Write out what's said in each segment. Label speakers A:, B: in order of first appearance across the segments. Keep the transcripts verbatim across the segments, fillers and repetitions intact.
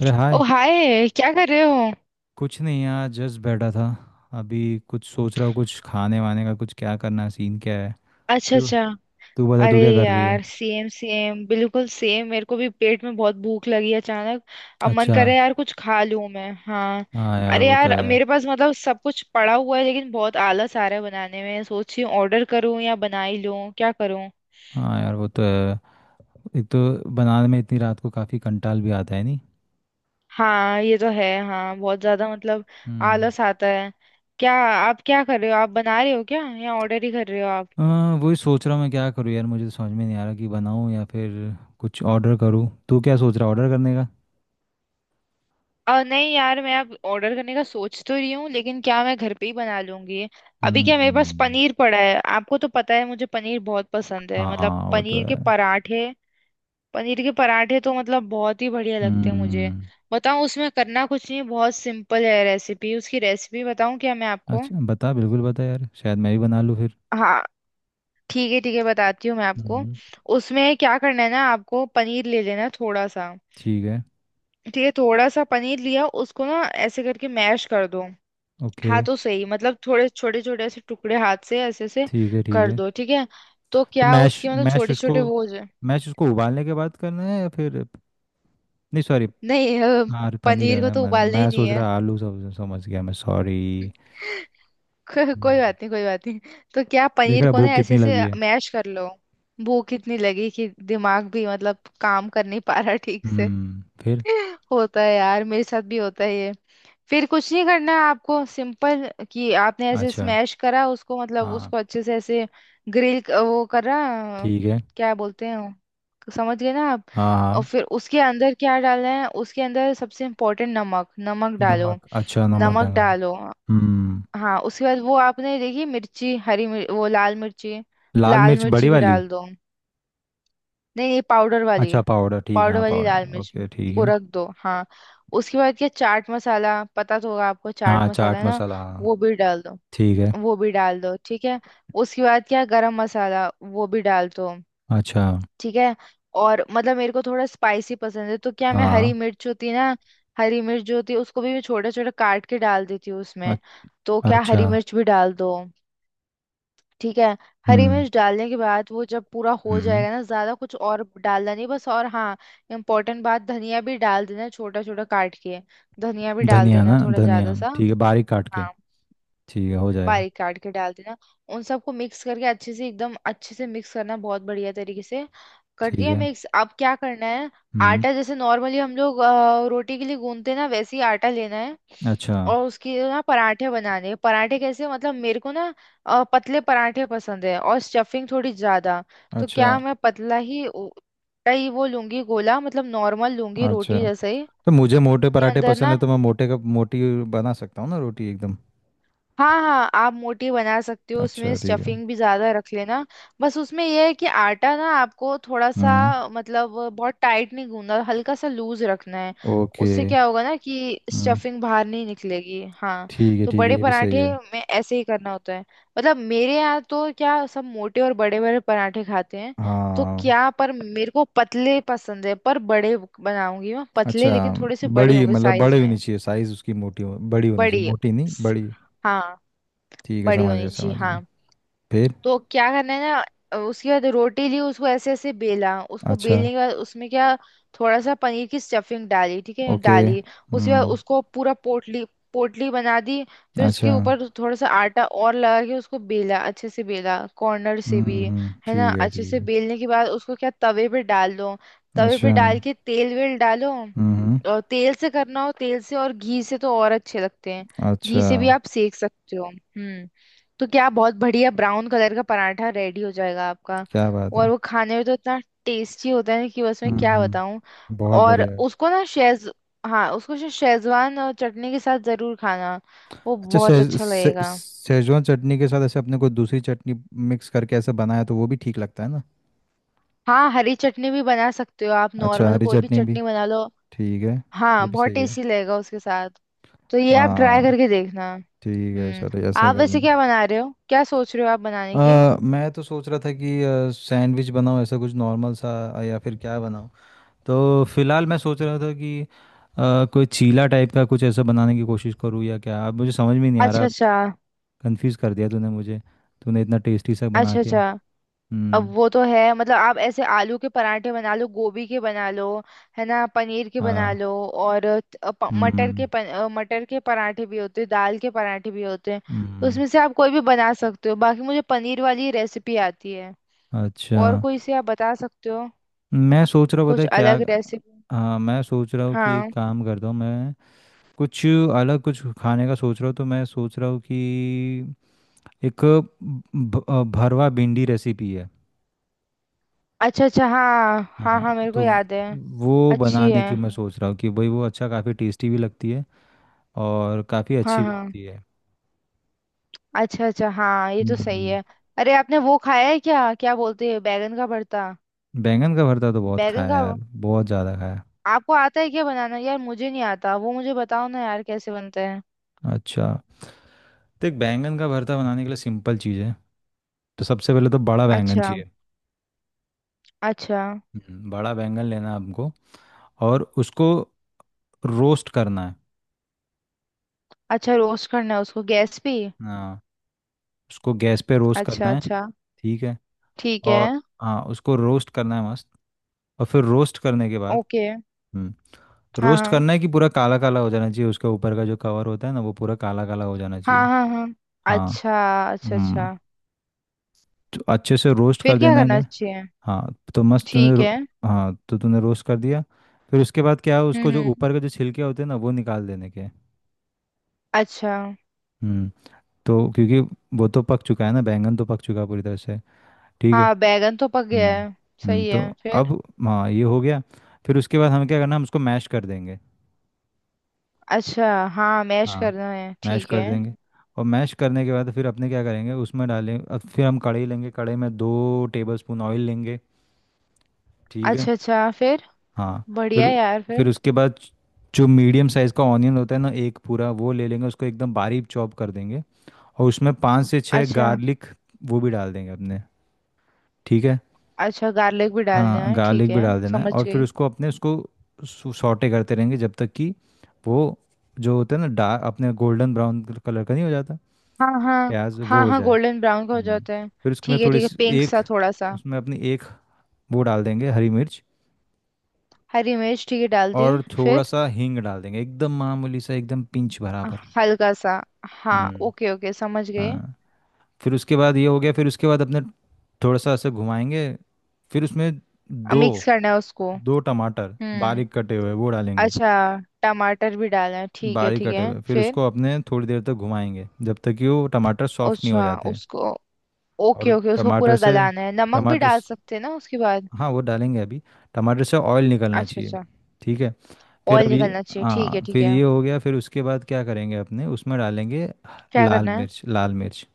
A: अरे हाय।
B: ओ हाय, क्या कर रहे हो।
A: कुछ नहीं यार, जस्ट बैठा था। अभी कुछ सोच रहा हूँ, कुछ खाने वाने का, कुछ क्या करना है, सीन क्या है।
B: अच्छा
A: तू
B: अच्छा।
A: तू बता, तू
B: अरे
A: क्या कर रही है?
B: यार, सेम सेम बिल्कुल सेम, मेरे को भी पेट में बहुत भूख लगी अचानक। अब मन
A: अच्छा।
B: कर रहा है यार, कुछ खा लूं मैं। हाँ।
A: हाँ यार,
B: अरे
A: वो तो
B: यार,
A: है।
B: मेरे पास मतलब सब कुछ पड़ा हुआ है, लेकिन बहुत आलस आ रहा है बनाने में। सोच रही हूँ ऑर्डर करूँ या बना ही लूँ, क्या करूँ।
A: हाँ यार, वो तो है। एक तो बनाने में इतनी रात को काफ़ी कंटाल भी आता है, नहीं?
B: हाँ ये तो है। हाँ बहुत ज्यादा मतलब
A: हम्म।
B: आलस आता है। क्या आप क्या कर रहे हो, आप बना रहे हो क्या या ऑर्डर ही कर रहे हो आप।
A: हाँ, वही सोच रहा हूँ मैं, क्या करूँ यार, मुझे तो समझ में नहीं आ रहा कि बनाऊँ या फिर कुछ ऑर्डर करूँ। तू क्या सोच रहा है, ऑर्डर करने का?
B: आ, नहीं यार, मैं अब ऑर्डर करने का सोच तो रही हूँ लेकिन, क्या मैं घर पे ही बना लूंगी। अभी क्या, मेरे पास
A: हम्म।
B: पनीर पड़ा है। आपको तो पता है मुझे पनीर बहुत पसंद है, मतलब
A: हाँ वो तो
B: पनीर
A: है।
B: के पराठे। पनीर के पराठे तो मतलब बहुत ही बढ़िया लगते हैं मुझे।
A: हम्म।
B: बताऊँ, उसमें करना कुछ नहीं, बहुत सिंपल है रेसिपी। उसकी रेसिपी बताऊँ क्या मैं आपको।
A: अच्छा बता, बिल्कुल बता यार, शायद मैं भी बना लूँ।
B: हाँ। ठीक है ठीक है, बताती हूँ मैं आपको।
A: फिर?
B: उसमें क्या करना है ना, आपको पनीर ले लेना है थोड़ा सा।
A: ठीक है।
B: ठीक है, थोड़ा सा पनीर लिया, उसको ना ऐसे करके मैश कर दो।
A: ओके।
B: हाथों से ही, मतलब थोड़े छोटे छोटे ऐसे टुकड़े हाथ से ऐसे ऐसे
A: ठीक है। ठीक
B: कर
A: है
B: दो, ठीक है। तो
A: तो
B: क्या
A: मैश,
B: उसके मतलब
A: मैश
B: छोटे
A: उसको
B: छोटे वो हो जाए।
A: मैश उसको उबालने के बाद करना है या फिर, नहीं सॉरी।
B: नहीं अ,
A: हाँ पनीर है
B: पनीर को
A: ना,
B: तो
A: मैंने
B: उबालना ही
A: मैं
B: नहीं
A: सोच
B: है।
A: रहा आलू, सब समझ गया मैं, सॉरी।
B: को, कोई बात नहीं, कोई बात नहीं। तो क्या,
A: देख
B: पनीर
A: रहा,
B: को ना
A: भूख
B: ऐसे
A: कितनी
B: ऐसे
A: लगी है।
B: मैश कर लो। भूख इतनी लगी कि दिमाग भी मतलब काम कर नहीं पा रहा ठीक से।
A: हम्म, फिर?
B: होता है यार, मेरे साथ भी होता है ये। फिर कुछ नहीं करना है आपको, सिंपल, कि आपने ऐसे
A: अच्छा।
B: स्मैश करा उसको, मतलब
A: हाँ।
B: उसको अच्छे से ऐसे ग्रिल वो करा,
A: ठीक है।
B: क्या बोलते हैं वो? समझ गए ना आप।
A: हाँ
B: और
A: हाँ।
B: फिर उसके अंदर क्या डालना है, उसके अंदर सबसे इम्पोर्टेंट नमक, नमक
A: नमक,
B: डालो।
A: अच्छा नमक
B: नमक
A: डालना है।
B: डालो।
A: हम्म।
B: हाँ, उसके बाद वो आपने देखी मिर्ची, हरी मिर्च, वो लाल मिर्ची,
A: लाल
B: लाल
A: मिर्च बड़ी
B: मिर्ची भी
A: वाली?
B: डाल दो। नहीं नहीं, पाउडर वाली।
A: अच्छा पाउडर, ठीक है,
B: पाउडर
A: हाँ
B: वाली लाल
A: पाउडर,
B: मिर्च
A: ओके ठीक
B: वो
A: है।
B: रख दो। हाँ, उसके बाद क्या चाट मसाला, पता तो होगा आपको चाट
A: हाँ
B: मसाला
A: चाट
B: है ना,
A: मसाला, हाँ।
B: वो भी डाल दो।
A: ठीक है।
B: वो भी डाल दो ठीक है। उसके बाद क्या गरम मसाला, वो भी डाल दो।
A: अच्छा।
B: ठीक है। और मतलब मेरे को थोड़ा स्पाइसी पसंद है, तो क्या मैं
A: हाँ
B: हरी मिर्च होती है ना, हरी मिर्च जो होती है उसको भी मैं छोटा छोटा काट के डाल देती हूँ
A: हाँ,
B: उसमें। तो
A: अ-
B: क्या
A: अच्छा।
B: हरी मिर्च भी डाल दो, ठीक है। हरी
A: हम्म
B: मिर्च डालने के बाद वो जब पूरा हो
A: हम्म।
B: जाएगा ना, ज्यादा कुछ और डालना नहीं बस, और हाँ इम्पोर्टेंट बात, धनिया भी डाल देना छोटा छोटा काट के। धनिया भी डाल
A: धनिया,
B: देना
A: ना
B: थोड़ा
A: धनिया,
B: ज्यादा सा।
A: ठीक है, बारीक काट के।
B: हाँ,
A: ठीक है, हो जाएगा।
B: बारीक काट के डाल देना। उन सबको मिक्स करके अच्छे से, एकदम अच्छे से मिक्स करना, बहुत बढ़िया तरीके से। कर
A: ठीक
B: दिया
A: है।
B: मिक्स, अब क्या करना है।
A: हम्म।
B: आटा जैसे नॉर्मली हम लोग अ, रोटी के लिए गूंथते ना, वैसे ही आटा लेना है।
A: अच्छा।
B: और उसके ना पराठे बनाने हैं। पराठे कैसे, मतलब मेरे को ना अ, पतले पराठे पसंद है और स्टफिंग थोड़ी ज्यादा। तो
A: अच्छा।
B: क्या मैं पतला ही ओ- का ही वो लूंगी गोला, मतलब नॉर्मल लूंगी
A: अच्छा।
B: रोटी जैसे ही
A: तो मुझे मोटे
B: के
A: पराठे
B: अंदर
A: पसंद
B: ना।
A: है, तो मैं मोटे का, मोटी बना सकता हूँ ना, रोटी एकदम।
B: हाँ हाँ, आप मोटी बना सकते हो, उसमें
A: अच्छा ठीक है।
B: स्टफिंग भी ज्यादा रख लेना। बस उसमें यह है कि आटा ना आपको थोड़ा सा,
A: हम्म।
B: मतलब बहुत टाइट नहीं गूंदना, हल्का सा लूज रखना है।
A: ओके
B: उससे क्या होगा ना कि
A: हम्म।
B: स्टफिंग बाहर नहीं निकलेगी। हाँ,
A: ठीक है
B: तो
A: ठीक है,
B: बड़े
A: ये भी सही
B: पराठे
A: है।
B: में ऐसे ही करना होता है। मतलब मेरे यहाँ तो क्या सब मोटे और बड़े बड़े पराठे खाते हैं। तो
A: हाँ।
B: क्या, पर मेरे को पतले पसंद है, पर बड़े बनाऊंगी मैं, पतले
A: अच्छा।
B: लेकिन थोड़े से बड़े
A: बड़ी
B: होंगे
A: मतलब,
B: साइज
A: बड़ी होनी
B: में।
A: चाहिए साइज उसकी, मोटी हो, बड़ी होनी चाहिए,
B: बड़ी,
A: मोटी नहीं, बड़ी।
B: हाँ
A: ठीक है,
B: बड़ी
A: समझ गया
B: होनी चाहिए
A: समझ गया
B: हाँ।
A: फिर?
B: तो क्या करना है ना, उसके बाद रोटी ली, उसको ऐसे ऐसे बेला, उसको
A: अच्छा।
B: बेलने के बाद उसमें क्या थोड़ा सा पनीर की स्टफिंग डाली, ठीक है
A: ओके
B: डाली। उसके बाद
A: हम्म।
B: उसको पूरा पोटली, पोटली बना दी। फिर
A: अच्छा।
B: उसके ऊपर थोड़ा सा आटा और लगा के उसको बेला, अच्छे से बेला कॉर्नर से
A: हम्म
B: भी,
A: हम्म।
B: है ना।
A: ठीक है
B: अच्छे
A: ठीक
B: से
A: है।
B: बेलने के बाद उसको क्या तवे पे डाल दो। तवे
A: अच्छा।
B: पे डाल के तेल वेल डालो।
A: हम्म।
B: और तेल से करना हो तेल से, और घी से तो और अच्छे लगते हैं।
A: अच्छा।
B: घी से भी आप सेक सकते हो। हम्म, तो क्या बहुत बढ़िया ब्राउन कलर का पराठा रेडी हो जाएगा आपका।
A: क्या बात
B: और
A: है।
B: वो खाने में तो इतना टेस्टी होता है कि बस, मैं क्या
A: हम्म।
B: बताऊं।
A: बहुत
B: और
A: बढ़िया।
B: उसको ना शेज, हाँ उसको शे- शेजवान और चटनी के साथ जरूर खाना, वो
A: अच्छा
B: बहुत
A: से,
B: अच्छा
A: से,
B: लगेगा।
A: सेजवान चटनी के साथ ऐसे अपने को, दूसरी चटनी मिक्स करके ऐसे बनाया, तो वो भी ठीक लगता है ना?
B: हाँ, हरी चटनी भी बना सकते हो आप,
A: अच्छा,
B: नॉर्मल
A: हरी
B: कोई भी
A: चटनी भी।
B: चटनी बना लो।
A: ठीक है। ये
B: हाँ,
A: भी
B: बहुत
A: सही है।
B: टेस्टी लगेगा उसके साथ। तो ये आप ट्राई
A: हाँ
B: करके देखना।
A: ठीक है,
B: हम्म।
A: चलो ऐसा
B: आप
A: कर
B: वैसे
A: लें।
B: क्या बना रहे हो, क्या सोच रहे हो आप बनाने की।
A: आ, मैं तो सोच रहा था कि आ, सैंडविच बनाऊँ ऐसा कुछ नॉर्मल सा, आ, या फिर क्या बनाऊँ। तो फिलहाल मैं सोच रहा था कि आ, कोई चीला टाइप का कुछ ऐसा बनाने की कोशिश करूँ, या क्या, अब मुझे समझ में नहीं आ
B: अच्छा
A: रहा।
B: अच्छा।
A: कंफ्यूज कर दिया तूने मुझे, तूने इतना टेस्टी सा बना
B: अच्छा
A: के।
B: अच्छा। अब
A: हम्म।
B: वो तो है, मतलब आप ऐसे आलू के पराठे बना लो, गोभी के बना लो, है ना, पनीर के बना
A: हाँ।
B: लो, और त- अ, प- मटर
A: हम्म।
B: के पन, अ, मटर के पराठे भी होते हैं, दाल के पराठे भी होते हैं। तो
A: हम्म।
B: उसमें से आप कोई भी बना सकते हो, बाकी मुझे पनीर वाली रेसिपी आती है।
A: अच्छा।
B: और कोई से आप बता सकते हो
A: मैं सोच रहा हूँ, पता
B: कुछ
A: है क्या?
B: अलग रेसिपी।
A: हाँ मैं सोच रहा हूँ कि एक
B: हाँ।
A: काम करता हूँ मैं, कुछ अलग कुछ खाने का सोच रहा हूँ, तो मैं सोच रहा हूँ कि एक भ- अ, भरवा भिंडी रेसिपी है।
B: अच्छा अच्छा, हाँ हाँ
A: हाँ,
B: हाँ मेरे को
A: तो
B: याद है।
A: वो
B: अच्छी
A: बनाने की
B: है।
A: मैं सोच रहा हूँ कि भाई, वो अच्छा काफ़ी टेस्टी भी लगती है और काफ़ी
B: हाँ
A: अच्छी भी
B: हाँ।
A: होती है।
B: अच्छा अच्छा, हाँ ये तो सही
A: हम्म।
B: है। अरे आपने वो खाया है क्या, क्या बोलते हैं, बैगन का भरता।
A: बैंगन का भरता तो बहुत
B: बैगन
A: खाया
B: का।
A: यार, बहुत ज़्यादा खाया।
B: आपको आता है क्या बनाना यार, मुझे नहीं आता वो, मुझे बताओ ना यार कैसे बनते हैं।
A: अच्छा, तो एक बैंगन का भरता बनाने के लिए सिंपल चीज़ है। तो सबसे पहले तो बड़ा बैंगन
B: अच्छा।
A: चाहिए।
B: अच्छा।
A: हम्म, बड़ा बैंगन लेना है आपको, और उसको रोस्ट करना है।
B: अच्छा, रोस्ट करना है उसको गैस पे।
A: हाँ, उसको गैस पे रोस्ट करना
B: अच्छा
A: है।
B: अच्छा।
A: ठीक है।
B: ठीक है।
A: और हाँ उसको रोस्ट करना है मस्त, और फिर रोस्ट करने के बाद,
B: ओके।
A: हम्म,
B: हाँ
A: रोस्ट
B: हाँ।
A: करना है कि पूरा काला काला हो जाना चाहिए, उसके ऊपर का जो कवर होता है ना, वो पूरा काला काला हो जाना
B: हाँ
A: चाहिए।
B: हाँ हाँ।
A: हाँ।
B: अच्छा। अच्छा
A: हम्म,
B: अच्छा।
A: तो अच्छे से रोस्ट कर
B: फिर क्या
A: देना
B: करना
A: है।
B: चाहिए।
A: हाँ तो मस्त तूने
B: ठीक
A: रो-
B: है।
A: हाँ तो तूने रोस्ट कर दिया। फिर उसके बाद क्या है,
B: हम्म
A: उसको जो
B: हम्म।
A: ऊपर के जो छिलके होते हैं ना, वो निकाल देने के।
B: अच्छा।
A: हम्म, तो क्योंकि वो तो पक चुका है ना, बैंगन तो पक चुका है पूरी तरह से। ठीक है।
B: हाँ बैगन तो पक गया
A: हम्म
B: है।
A: हम्म।
B: सही
A: तो
B: है फिर।
A: अब हाँ ये हो गया। फिर उसके बाद हमें क्या करना है, हम उसको मैश कर देंगे।
B: अच्छा, हाँ मैश
A: हाँ
B: करना है
A: मैश
B: ठीक
A: कर
B: है।
A: देंगे। और मैश करने के बाद फिर अपने क्या करेंगे, उसमें डालें, अब फिर हम कढ़ाई लेंगे, कढ़ाई में दो टेबल स्पून ऑयल लेंगे। ठीक है।
B: अच्छा अच्छा फिर।
A: हाँ।
B: बढ़िया
A: फिर
B: यार
A: फिर
B: फिर।
A: उसके बाद जो मीडियम साइज़ का ऑनियन होता है ना, एक पूरा वो ले लेंगे, उसको एकदम बारीक चॉप कर देंगे। और उसमें पाँच से छः
B: अच्छा,
A: गार्लिक वो भी डाल देंगे अपने। ठीक है।
B: अच्छा गार्लिक भी डालना
A: हाँ
B: है ठीक
A: गार्लिक भी
B: है।
A: डाल देना है,
B: समझ
A: और फिर
B: गई।
A: उसको अपने उसको सॉटे करते रहेंगे जब तक कि वो, जो होता है ना, डार्क अपने गोल्डन ब्राउन कलर का नहीं हो जाता,
B: हाँ हाँ।
A: प्याज वो
B: हाँ
A: हो
B: हाँ
A: जाए।
B: गोल्डन ब्राउन का हो
A: हम्म।
B: जाता है।
A: फिर उसमें
B: ठीक है
A: थोड़ी
B: ठीक है,
A: सी
B: पिंक
A: एक,
B: सा थोड़ा सा।
A: उसमें अपनी एक वो डाल देंगे हरी मिर्च,
B: हरी मिर्च ठीक है, डाल दिए
A: और थोड़ा
B: फिर।
A: सा हींग डाल देंगे एकदम मामूली सा, एकदम पिंच भरा।
B: हल्का सा, हाँ
A: हम्म।
B: ओके ओके समझ गए।
A: हाँ। फिर उसके बाद ये हो गया, फिर उसके बाद अपने थोड़ा सा ऐसे घुमाएंगे। फिर उसमें
B: अब
A: दो
B: मिक्स करना है उसको।
A: दो टमाटर
B: हम्म।
A: बारीक कटे हुए वो डालेंगे,
B: अच्छा, टमाटर भी डालना है, ठीक है
A: बारीक
B: ठीक
A: कटे
B: है
A: हुए। फिर
B: फिर।
A: उसको अपने थोड़ी देर तक घुमाएंगे, जब तक कि वो टमाटर सॉफ्ट नहीं हो
B: अच्छा
A: जाते।
B: उसको, ओके
A: और
B: ओके उसको
A: टमाटर
B: पूरा
A: से
B: गलाना है, नमक भी
A: टमाटर
B: डाल
A: स-
B: सकते हैं ना उसके बाद।
A: हाँ वो डालेंगे अभी, टमाटर से ऑयल निकलना
B: अच्छा
A: चाहिए।
B: अच्छा,
A: ठीक है, फिर
B: ऑयल
A: अभी।
B: निकलना चाहिए, ठीक है
A: हाँ
B: ठीक
A: फिर
B: है।
A: ये हो गया। फिर उसके बाद क्या करेंगे अपने, उसमें डालेंगे
B: क्या
A: लाल
B: करना है।
A: मिर्च, लाल मिर्च।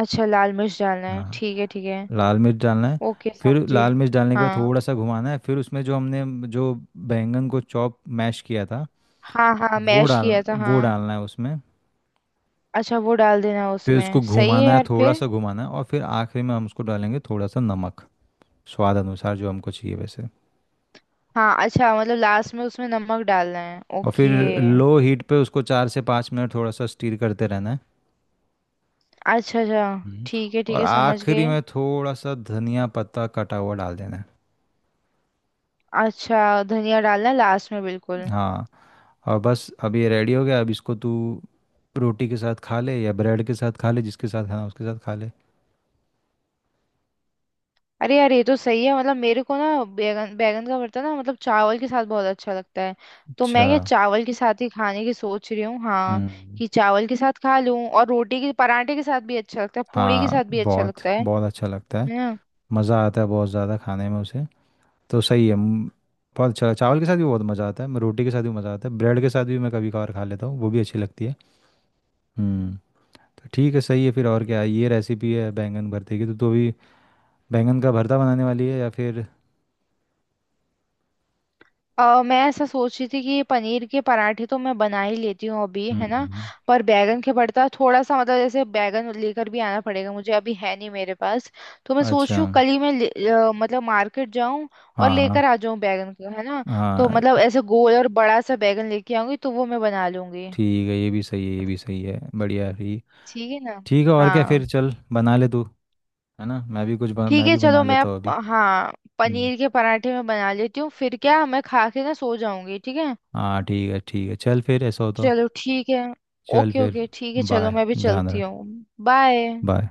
B: अच्छा, लाल मिर्च डालना है
A: हाँ।
B: ठीक है ठीक है।
A: लाल मिर्च डालना है।
B: ओके
A: फिर
B: समझिए।
A: लाल मिर्च डालने के बाद
B: हाँ
A: थोड़ा सा घुमाना है, फिर उसमें जो हमने जो बैंगन को चॉप मैश किया था,
B: हाँ, हाँ
A: वो
B: मैश
A: डाल
B: किया था
A: वो
B: हाँ।
A: डालना है उसमें।
B: अच्छा वो डाल देना
A: फिर उसको
B: उसमें, सही है
A: घुमाना है,
B: यार
A: थोड़ा
B: फिर।
A: सा घुमाना है, और फिर आखिरी में हम उसको डालेंगे थोड़ा सा नमक, स्वाद अनुसार जो हमको चाहिए वैसे।
B: हाँ, अच्छा, मतलब लास्ट में उसमें नमक डालना है
A: और फिर
B: ओके।
A: लो हीट पे उसको चार से पाँच मिनट थोड़ा सा स्टीर करते रहना है।
B: अच्छा अच्छा।
A: हम्म।
B: ठीक है ठीक
A: और
B: है, समझ
A: आखिरी
B: गए।
A: में थोड़ा सा धनिया पत्ता कटा हुआ डाल देना है।
B: अच्छा, धनिया डालना है लास्ट में बिल्कुल।
A: हाँ, और बस अब ये रेडी हो गया। अब इसको तू रोटी के साथ खा ले या ब्रेड के साथ खा ले, जिसके साथ खाना उसके साथ खा ले।
B: अरे यार ये तो सही है, मतलब मेरे को ना बैगन, बैगन का भरता ना मतलब चावल के साथ बहुत अच्छा लगता है। तो
A: अच्छा।
B: मैं क्या चावल के साथ ही खाने की सोच रही हूँ हाँ,
A: हम्म।
B: कि चावल के साथ खा लूँ, और रोटी के, पराठे के साथ भी अच्छा लगता है, पूड़ी के
A: हाँ
B: साथ भी अच्छा
A: बहुत,
B: लगता है
A: बहुत अच्छा लगता है,
B: है ना।
A: मज़ा आता है बहुत ज़्यादा खाने में उसे। तो सही है म, बहुत अच्छा, चावल के साथ भी बहुत मज़ा आता है, मैं रोटी के साथ भी मज़ा आता है, ब्रेड के साथ भी मैं कभी कभार खा लेता हूँ, वो भी अच्छी लगती है। हम्म। तो ठीक है, सही है फिर। और क्या है? ये रेसिपी है बैंगन भरते की। तो तू अभी बैंगन का भरता बनाने वाली है या फिर?
B: अ, मैं ऐसा सोच रही थी कि पनीर के पराठे तो मैं बना ही लेती हूँ अभी, है ना।
A: हम्म।
B: पर बैगन के भरता थोड़ा सा, मतलब जैसे बैगन लेकर भी आना पड़ेगा, मुझे अभी है नहीं मेरे पास। तो मैं सोच
A: अच्छा।
B: रही हूँ कल ही मैं ले- अ, मतलब मार्केट जाऊँ और
A: हाँ हाँ।
B: लेकर आ जाऊँ बैगन को, है ना। तो
A: हाँ,
B: मतलब ऐसे गोल और बड़ा सा बैगन लेके आऊंगी, तो वो मैं बना लूंगी।
A: ठीक है, ये भी सही है, ये भी सही है, बढ़िया है ये।
B: ठीक है ना।
A: ठीक है। और क्या,
B: हाँ
A: फिर चल बना ले तू, है ना, मैं भी कुछ बन,
B: ठीक
A: मैं
B: है,
A: भी बना
B: चलो मैं
A: लेता हूँ
B: अब-
A: अभी।
B: हाँ
A: हम्म।
B: पनीर के पराठे मैं बना लेती हूँ, फिर क्या मैं खा के ना सो जाऊंगी ठीक है।
A: हाँ ठीक है ठीक है, चल फिर ऐसा हो तो।
B: चलो ठीक है।
A: चल
B: ओके
A: फिर।
B: ओके ठीक है, चलो
A: बाय,
B: मैं भी
A: ध्यान
B: चलती
A: रख।
B: हूँ। बाय।
A: बाय।